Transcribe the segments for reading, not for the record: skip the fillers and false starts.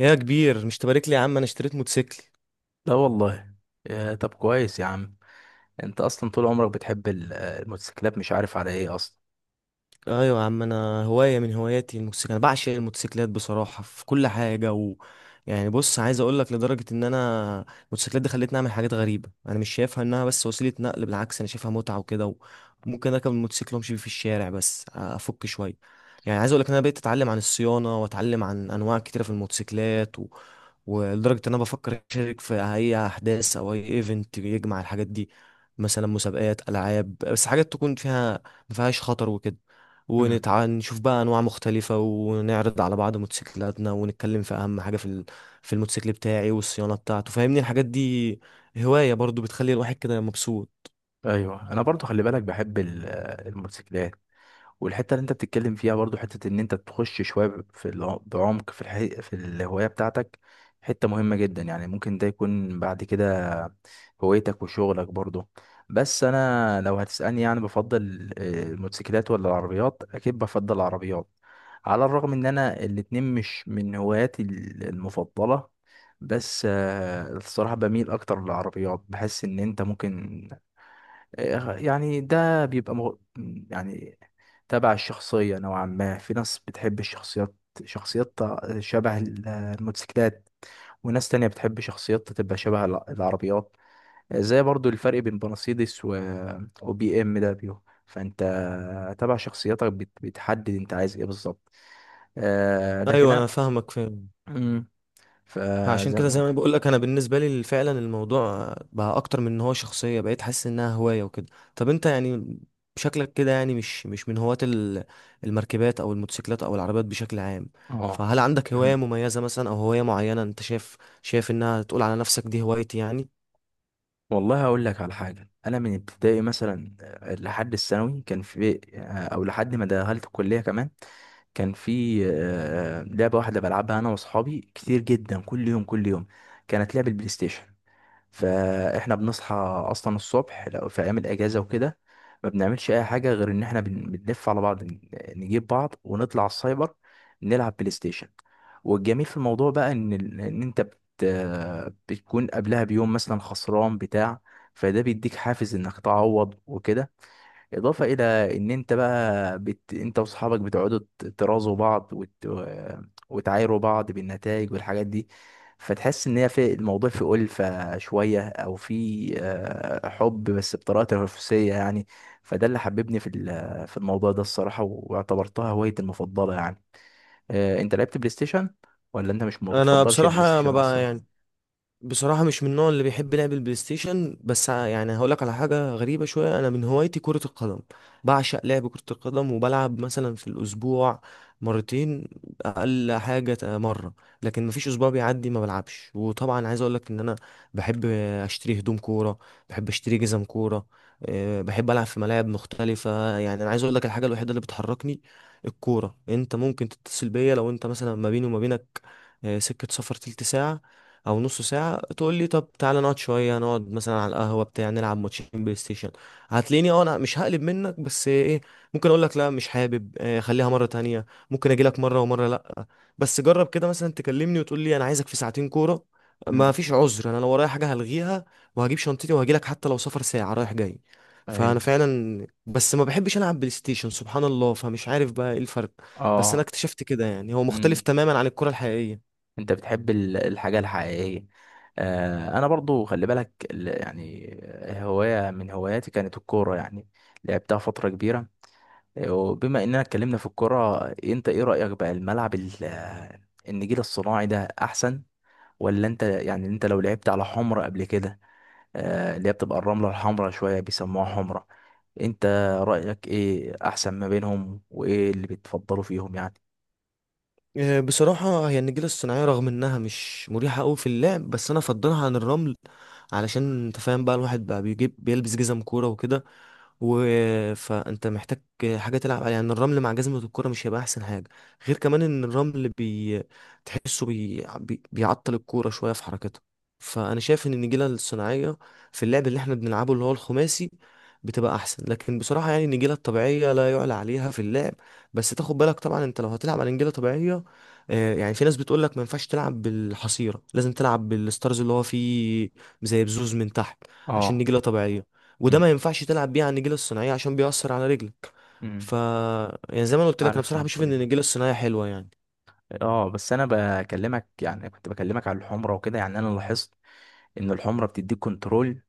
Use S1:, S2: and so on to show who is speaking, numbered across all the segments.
S1: يا كبير، مش تبارك لي يا عم؟ انا اشتريت موتوسيكل.
S2: لا والله. يا طب كويس يا عم. انت اصلا طول عمرك بتحب الموتوسيكلات، مش عارف على ايه اصلا.
S1: ايوه يا عم، انا هوايه من هواياتي الموتوسيكل. انا بعشق الموتوسيكلات بصراحه في كل حاجه، و يعني بص، عايز اقول لك لدرجه ان انا الموتوسيكلات دي خلتني اعمل حاجات غريبه. انا مش شايفها انها بس وسيله نقل، بالعكس انا شايفها متعه وكده. ممكن اركب الموتوسيكل وامشي بيه في الشارع بس افك شويه. يعني عايز اقول لك ان انا بقيت اتعلم عن الصيانه، واتعلم عن انواع كتيره في الموتوسيكلات، ولدرجه ان انا بفكر اشارك في اي احداث او اي ايفنت يجمع الحاجات دي. مثلا مسابقات العاب، بس حاجات تكون فيها ما فيهاش خطر وكده.
S2: مم.
S1: ونشوف بقى انواع مختلفة، ونعرض على بعض موتوسيكلاتنا، ونتكلم في اهم حاجة في في الموتوسيكل بتاعي والصيانة بتاعته، فاهمني الحاجات دي. هواية برضو بتخلي الواحد كده مبسوط.
S2: ايوه، انا برضو خلي بالك بحب الموتوسيكلات، والحته اللي انت بتتكلم فيها برضو حته ان انت تخش شويه في بعمق في الحقيقة في الهوايه بتاعتك. حته مهمه جدا. يعني ممكن ده يكون بعد كده هوايتك وشغلك برضو. بس انا لو هتسالني، يعني بفضل الموتوسيكلات ولا العربيات؟ اكيد بفضل العربيات، على الرغم ان انا الاتنين مش من هواياتي المفضله. بس الصراحة بميل أكتر للعربيات. بحس إن أنت ممكن يعني ده بيبقى يعني تبع الشخصية نوعا ما. في ناس بتحب الشخصيات، شخصيات شبه الموتوسيكلات، وناس تانية بتحب شخصيات تبقى شبه العربيات. زي برضو الفرق بين مرسيدس و... وبي ام دبليو. فانت تبع شخصيتك بتحدد انت عايز ايه بالظبط. لكن
S1: ايوه، انا
S2: انا.
S1: فاهمك فاهم.
S2: مم.
S1: فعشان
S2: فزي
S1: كده زي
S2: ما.
S1: ما بقول لك، انا بالنسبة لي فعلا الموضوع بقى اكتر من ان هو شخصية، بقيت حاسس انها هواية وكده. طب انت يعني شكلك كده يعني مش من هواة المركبات او الموتوسيكلات او العربيات بشكل عام.
S2: اه.
S1: فهل عندك هواية
S2: مم.
S1: مميزة مثلا، او هواية معينة انت شايف انها تقول على نفسك دي هوايتي يعني؟
S2: والله هقول لك على حاجة. أنا من ابتدائي مثلا لحد الثانوي كان في أو لحد ما دخلت الكلية كمان كان في لعبة واحدة بلعبها أنا وأصحابي كتير جدا، كل يوم كل يوم. كانت لعبة البلاي ستيشن. فاحنا بنصحى اصلا الصبح لو في ايام الاجازه وكده ما بنعملش اي حاجه غير ان احنا بنلف على بعض، نجيب بعض ونطلع السايبر نلعب بلاي ستيشن. والجميل في الموضوع بقى ان ان انت بتكون قبلها بيوم مثلا خسران بتاع، فده بيديك حافز انك تعوض وكده. اضافه الى ان انت بقى انت واصحابك بتقعدوا ترازوا بعض وتعايروا بعض بالنتائج والحاجات دي. فتحس ان هي في الموضوع في ألفة شويه، او في حب بس بطريقه تنافسيه يعني. فده اللي حببني في الموضوع ده الصراحه، واعتبرتها هوايتي المفضله يعني. انت لعبت بلاي ستيشن ولا انت مش ما
S1: انا
S2: بتفضلش البلاي
S1: بصراحه ما
S2: ستيشن
S1: بقى
S2: اصلا؟
S1: يعني، بصراحة مش من النوع اللي بيحب لعب البلاي ستيشن. بس يعني هقولك على حاجة غريبة شوية، أنا من هوايتي كرة القدم. بعشق لعب كرة القدم، وبلعب مثلا في الأسبوع مرتين، أقل حاجة مرة. لكن مفيش أسبوع بيعدي ما بلعبش. وطبعا عايز أقولك إن أنا بحب أشتري هدوم كورة، بحب أشتري جزم كورة. بحب ألعب في ملاعب مختلفة. يعني أنا عايز أقولك، الحاجة الوحيدة اللي بتحركني الكورة. أنت ممكن تتصل بيا، لو أنت مثلا ما بيني وما بينك سكة سفر تلت ساعة او نص ساعه، تقول لي طب تعالى نقعد شويه، نقعد مثلا على القهوه بتاع نلعب ماتشين بلاي ستيشن، هتلاقيني. اه، انا مش هقلب منك، بس ايه، ممكن اقول لك لا مش حابب، خليها مره تانية. ممكن اجي لك مره، ومره لا. بس جرب كده مثلا تكلمني وتقول لي انا عايزك في ساعتين كوره،
S2: مم.
S1: ما فيش عذر. انا لو ورايا حاجه هلغيها، وهجيب شنطتي وهجي لك، حتى لو سفر ساعه رايح جاي. فانا
S2: ايوه.
S1: فعلا، بس ما بحبش العب بلاي ستيشن، سبحان الله، فمش عارف بقى ايه الفرق. بس انا
S2: اه.
S1: اكتشفت كده يعني هو مختلف
S2: مم.
S1: تماما عن الكره الحقيقيه.
S2: انت بتحب الحاجة الحقيقية. انا برضو خلي بالك، يعني هواية من هواياتي كانت الكورة يعني، لعبتها فترة كبيرة. وبما اننا اتكلمنا في الكورة، انت ايه رأيك بقى؟ الملعب النجيل الصناعي ده احسن، ولا انت يعني انت لو لعبت على حمرة قبل كده، اللي هي بتبقى الرملة الحمرا شوية بيسموها حمرة، انت رأيك ايه احسن ما بينهم وايه اللي بتفضلوا فيهم يعني؟
S1: بصراحة هي النجيلة الصناعية رغم إنها مش مريحة أوي في اللعب، بس أنا أفضلها عن الرمل. علشان أنت فاهم بقى، الواحد بقى بيجيب بيلبس جزم كورة وكده، و فأنت محتاج حاجة تلعب عليها. يعني الرمل مع جزمة الكورة مش هيبقى أحسن حاجة، غير كمان إن الرمل تحسه بيعطل الكورة شوية في حركتها. فأنا شايف إن النجيلة الصناعية، في اللعب اللي إحنا بنلعبه اللي هو الخماسي، بتبقى أحسن. لكن بصراحة يعني النجيلة الطبيعية لا يعلى عليها في اللعب. بس تاخد بالك طبعا، انت لو هتلعب على نجيله طبيعيه، يعني في ناس بتقول لك ما ينفعش تلعب بالحصيره، لازم تلعب بالستارز اللي هو فيه زي بزوز من تحت عشان
S2: اه.
S1: نجيله طبيعيه. وده ما
S2: امم
S1: ينفعش تلعب بيه على النجيله الصناعيه، عشان بيأثر على رجلك. ف
S2: امم
S1: يعني زي ما أنا قلت لك، انا
S2: عارف
S1: بصراحه بشوف
S2: النقطة
S1: ان
S2: دي.
S1: النجيله الصناعيه حلوه يعني.
S2: اه، بس انا بكلمك، يعني كنت بكلمك على الحمره وكده. يعني انا لاحظت ان الحمره بتديك كنترول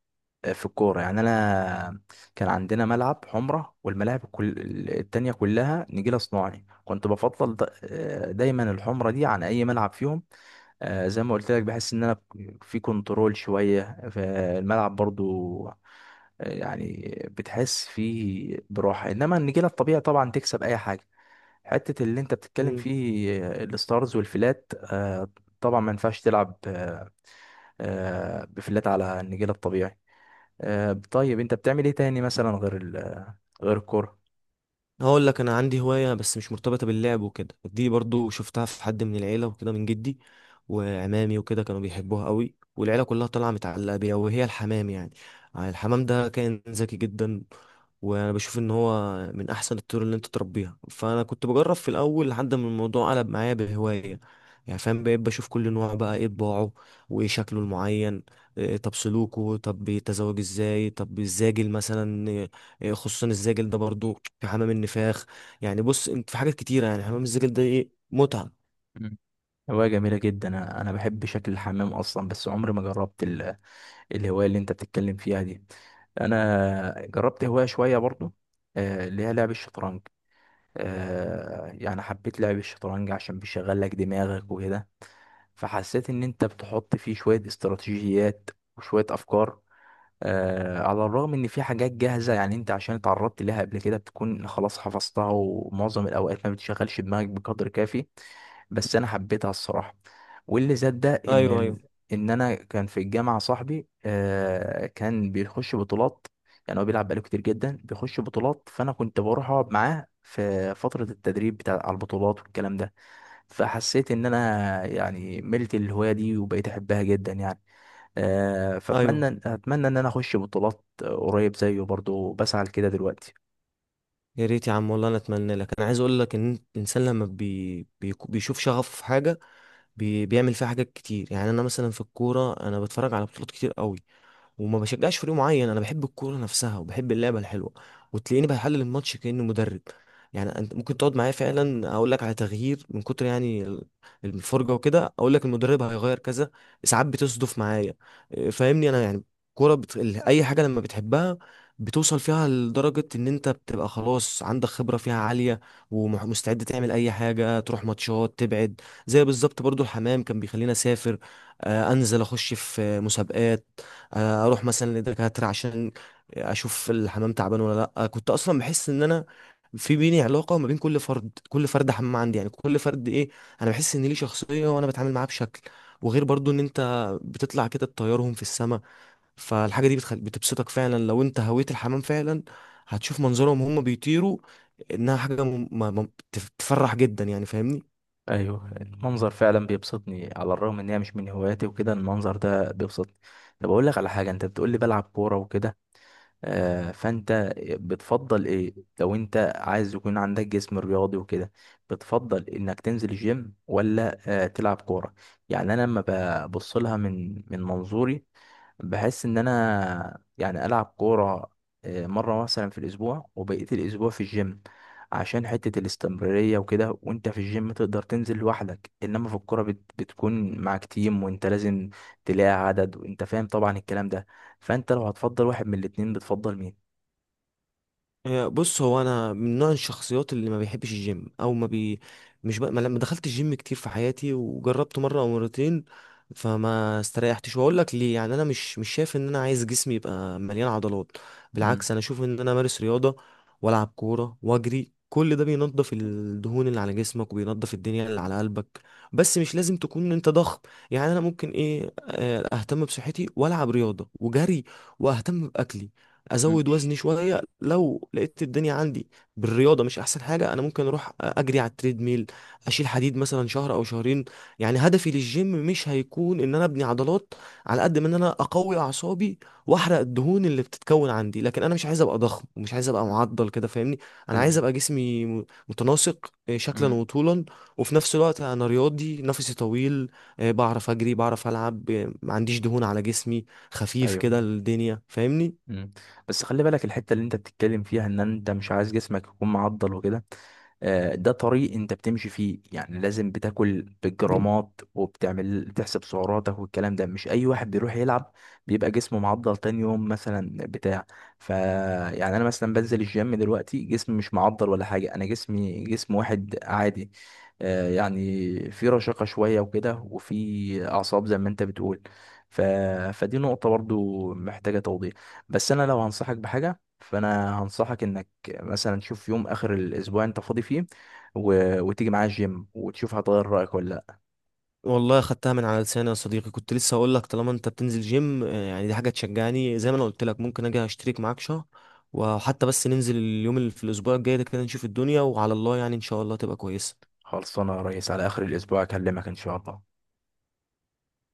S2: في الكوره. يعني انا كان عندنا ملعب حمره، والملاعب كل التانية كلها نجيله صناعي. كنت بفضل دايما الحمره دي عن اي ملعب فيهم. زي ما قلت لك، بحس ان انا في كنترول شويه فالملعب برضو. آه، يعني بتحس فيه براحه، انما النجيله الطبيعي طبعا تكسب اي حاجه. حتة اللي انت بتتكلم
S1: امم
S2: فيه الستارز والفلات. طبعا ما ينفعش تلعب بفلات على النجيل الطبيعي. طيب انت بتعمل ايه تاني مثلا غير غير الكرة؟
S1: هقول لك، انا عندي هوايه بس مش مرتبطه باللعب وكده. دي برضو شفتها في حد من العيله وكده، من جدي وعمامي وكده، كانوا بيحبوها قوي والعيله كلها طالعه متعلقه بيها، وهي الحمام يعني. الحمام ده كائن ذكي جدا. وانا بشوف ان هو من احسن الطيور اللي انت تربيها. فانا كنت بجرب في الاول لحد ما الموضوع قلب معايا بهوايه. يعني فاهم، بقيت بشوف كل نوع بقى ايه طباعه، وايه شكله المعين، إيه طب سلوكه، طب بيتزوج ازاي، طب الزاجل مثلا إيه، إيه خصوصا الزاجل ده، برضو في حمام النفاخ. يعني بص، انت في حاجات كتيره، يعني حمام الزاجل ده ايه متعه.
S2: مم. هواية جميلة جدا. أنا بحب شكل الحمام اصلا، بس عمري ما جربت الهواية اللي انت بتتكلم فيها دي. انا جربت هواية شوية برضو اللي هي لعب الشطرنج. يعني حبيت لعب الشطرنج عشان بيشغل لك دماغك وكده. فحسيت ان انت بتحط فيه شوية استراتيجيات وشوية افكار. على الرغم ان في حاجات جاهزه، يعني انت عشان اتعرضت ليها قبل كده بتكون خلاص حفظتها، ومعظم الاوقات ما بتشغلش دماغك بقدر كافي. بس انا حبيتها الصراحه. واللي زاد ده
S1: ايوه، ايوه،
S2: ان انا كان في الجامعه صاحبي كان بيخش بطولات. يعني هو بيلعب بقاله كتير جدا، بيخش بطولات. فانا كنت بروح اقعد معاه في فتره التدريب بتاع على البطولات والكلام ده. فحسيت ان انا يعني ملت الهوايه دي وبقيت احبها جدا يعني.
S1: ايوه،
S2: فاتمنى ان انا اخش بطولات قريب زيه برضو، بسعى لكده دلوقتي.
S1: يا ريت يا عم، والله انا اتمنى لك. انا عايز اقول لك ان الانسان لما بيشوف شغف في حاجه، بيعمل فيها حاجات كتير. يعني انا مثلا في الكوره، انا بتفرج على بطولات كتير قوي، وما بشجعش فريق معين. انا بحب الكوره نفسها، وبحب اللعبه الحلوه، وتلاقيني بحلل الماتش كانه مدرب. يعني انت ممكن تقعد معايا فعلا، اقول لك على تغيير من كتر يعني الفرجه وكده، اقول لك المدرب هيغير كذا، ساعات بتصدف معايا. إيه، فاهمني انا يعني، اي حاجه لما بتحبها، بتوصل فيها لدرجة إن أنت بتبقى خلاص عندك خبرة فيها عالية، ومستعد تعمل أي حاجة، تروح ماتشات تبعد. زي بالظبط برضو الحمام كان بيخليني أسافر، أنزل أخش في مسابقات، اروح مثلا لدكاتره عشان اشوف الحمام تعبان ولا لا. كنت اصلا بحس ان انا في بيني علاقه ما بين كل فرد، كل فرد حمام عندي، يعني كل فرد ايه، انا بحس ان ليه شخصيه، وانا بتعامل معاه بشكل. وغير برضو ان انت بتطلع كده تطيرهم في السماء، فالحاجه دي بتبسطك فعلا. لو انت هويت الحمام فعلا، هتشوف منظرهم وهم بيطيروا، انها حاجه تفرح جدا يعني فاهمني.
S2: ايوه، المنظر فعلا بيبسطني. على الرغم ان هي مش من هواياتي وكده، المنظر ده بيبسطني. طب اقول لك على حاجه، انت بتقول لي بلعب كوره وكده، فانت بتفضل ايه؟ لو انت عايز يكون عندك جسم رياضي وكده، بتفضل انك تنزل الجيم ولا تلعب كوره؟ يعني انا لما ببص لها من منظوري، بحس ان انا يعني العب كوره مره مثلا في الاسبوع، وبقيت الاسبوع في الجيم عشان حته الاستمراريه وكده. وانت في الجيم تقدر تنزل لوحدك، انما في الكوره بتكون معاك تيم، وانت لازم تلاقي عدد، وانت فاهم طبعا الكلام ده. فانت لو هتفضل واحد من الاتنين بتفضل مين؟
S1: بص، هو انا من نوع الشخصيات اللي ما بيحبش الجيم او ما بي مش ما لما دخلت الجيم كتير في حياتي وجربته مره او مرتين فما استريحتش. واقول لك ليه؟ يعني انا مش شايف ان انا عايز جسمي يبقى مليان عضلات.
S2: مم.
S1: بالعكس، انا اشوف ان انا امارس رياضه والعب كوره واجري، كل ده بينظف الدهون اللي على جسمك، وبينظف الدنيا اللي على قلبك. بس مش لازم تكون انت ضخم. يعني انا ممكن ايه آه، اهتم بصحتي والعب رياضه وجري، واهتم باكلي،
S2: مم.
S1: ازود وزني شويه. لو لقيت الدنيا عندي بالرياضه مش احسن حاجه، انا ممكن اروح اجري على التريد ميل، اشيل حديد مثلا شهر او شهرين. يعني هدفي للجيم مش هيكون ان انا ابني عضلات، على قد ما ان انا اقوي اعصابي، واحرق الدهون اللي بتتكون عندي. لكن انا مش عايز ابقى ضخم، ومش عايز ابقى
S2: مم.
S1: معضل كده فاهمني. انا
S2: خل...
S1: عايز ابقى جسمي متناسق، شكلا
S2: مم.
S1: وطولا. وفي نفس الوقت انا رياضي نفسي طويل، بعرف اجري، بعرف العب، ما عنديش دهون على جسمي، خفيف
S2: ايوه.
S1: كده الدنيا فاهمني.
S2: مم. بس خلي بالك، الحتة اللي انت بتتكلم فيها ان انت مش عايز جسمك يكون معضل وكده، ده طريق انت بتمشي فيه. يعني لازم بتاكل بالجرامات وبتعمل بتحسب سعراتك، والكلام ده مش اي واحد بيروح يلعب بيبقى جسمه معضل تاني يوم مثلا بتاع. ف يعني انا مثلا بنزل الجيم دلوقتي، جسمي مش معضل ولا حاجة. انا جسمي جسم واحد عادي، يعني في رشاقة شوية وكده، وفي اعصاب زي ما انت بتقول. ف... فدي نقطة برضو محتاجة توضيح. بس انا لو هنصحك بحاجه، فانا هنصحك انك مثلا تشوف يوم اخر الاسبوع انت فاضي فيه و... وتيجي معايا الجيم، وتشوف هتغير رايك ولا لا.
S1: والله خدتها من على لساني يا صديقي. كنت لسه هقول لك، طالما انت بتنزل جيم، يعني دي حاجه تشجعني. زي ما انا قلت لك، ممكن اجي اشترك معاك شهر، وحتى بس ننزل اليوم اللي في الاسبوع الجاي ده كده، نشوف الدنيا وعلى الله يعني، ان شاء الله تبقى كويسه.
S2: خلصانه يا ريس، على اخر الاسبوع اكلمك ان شاء الله.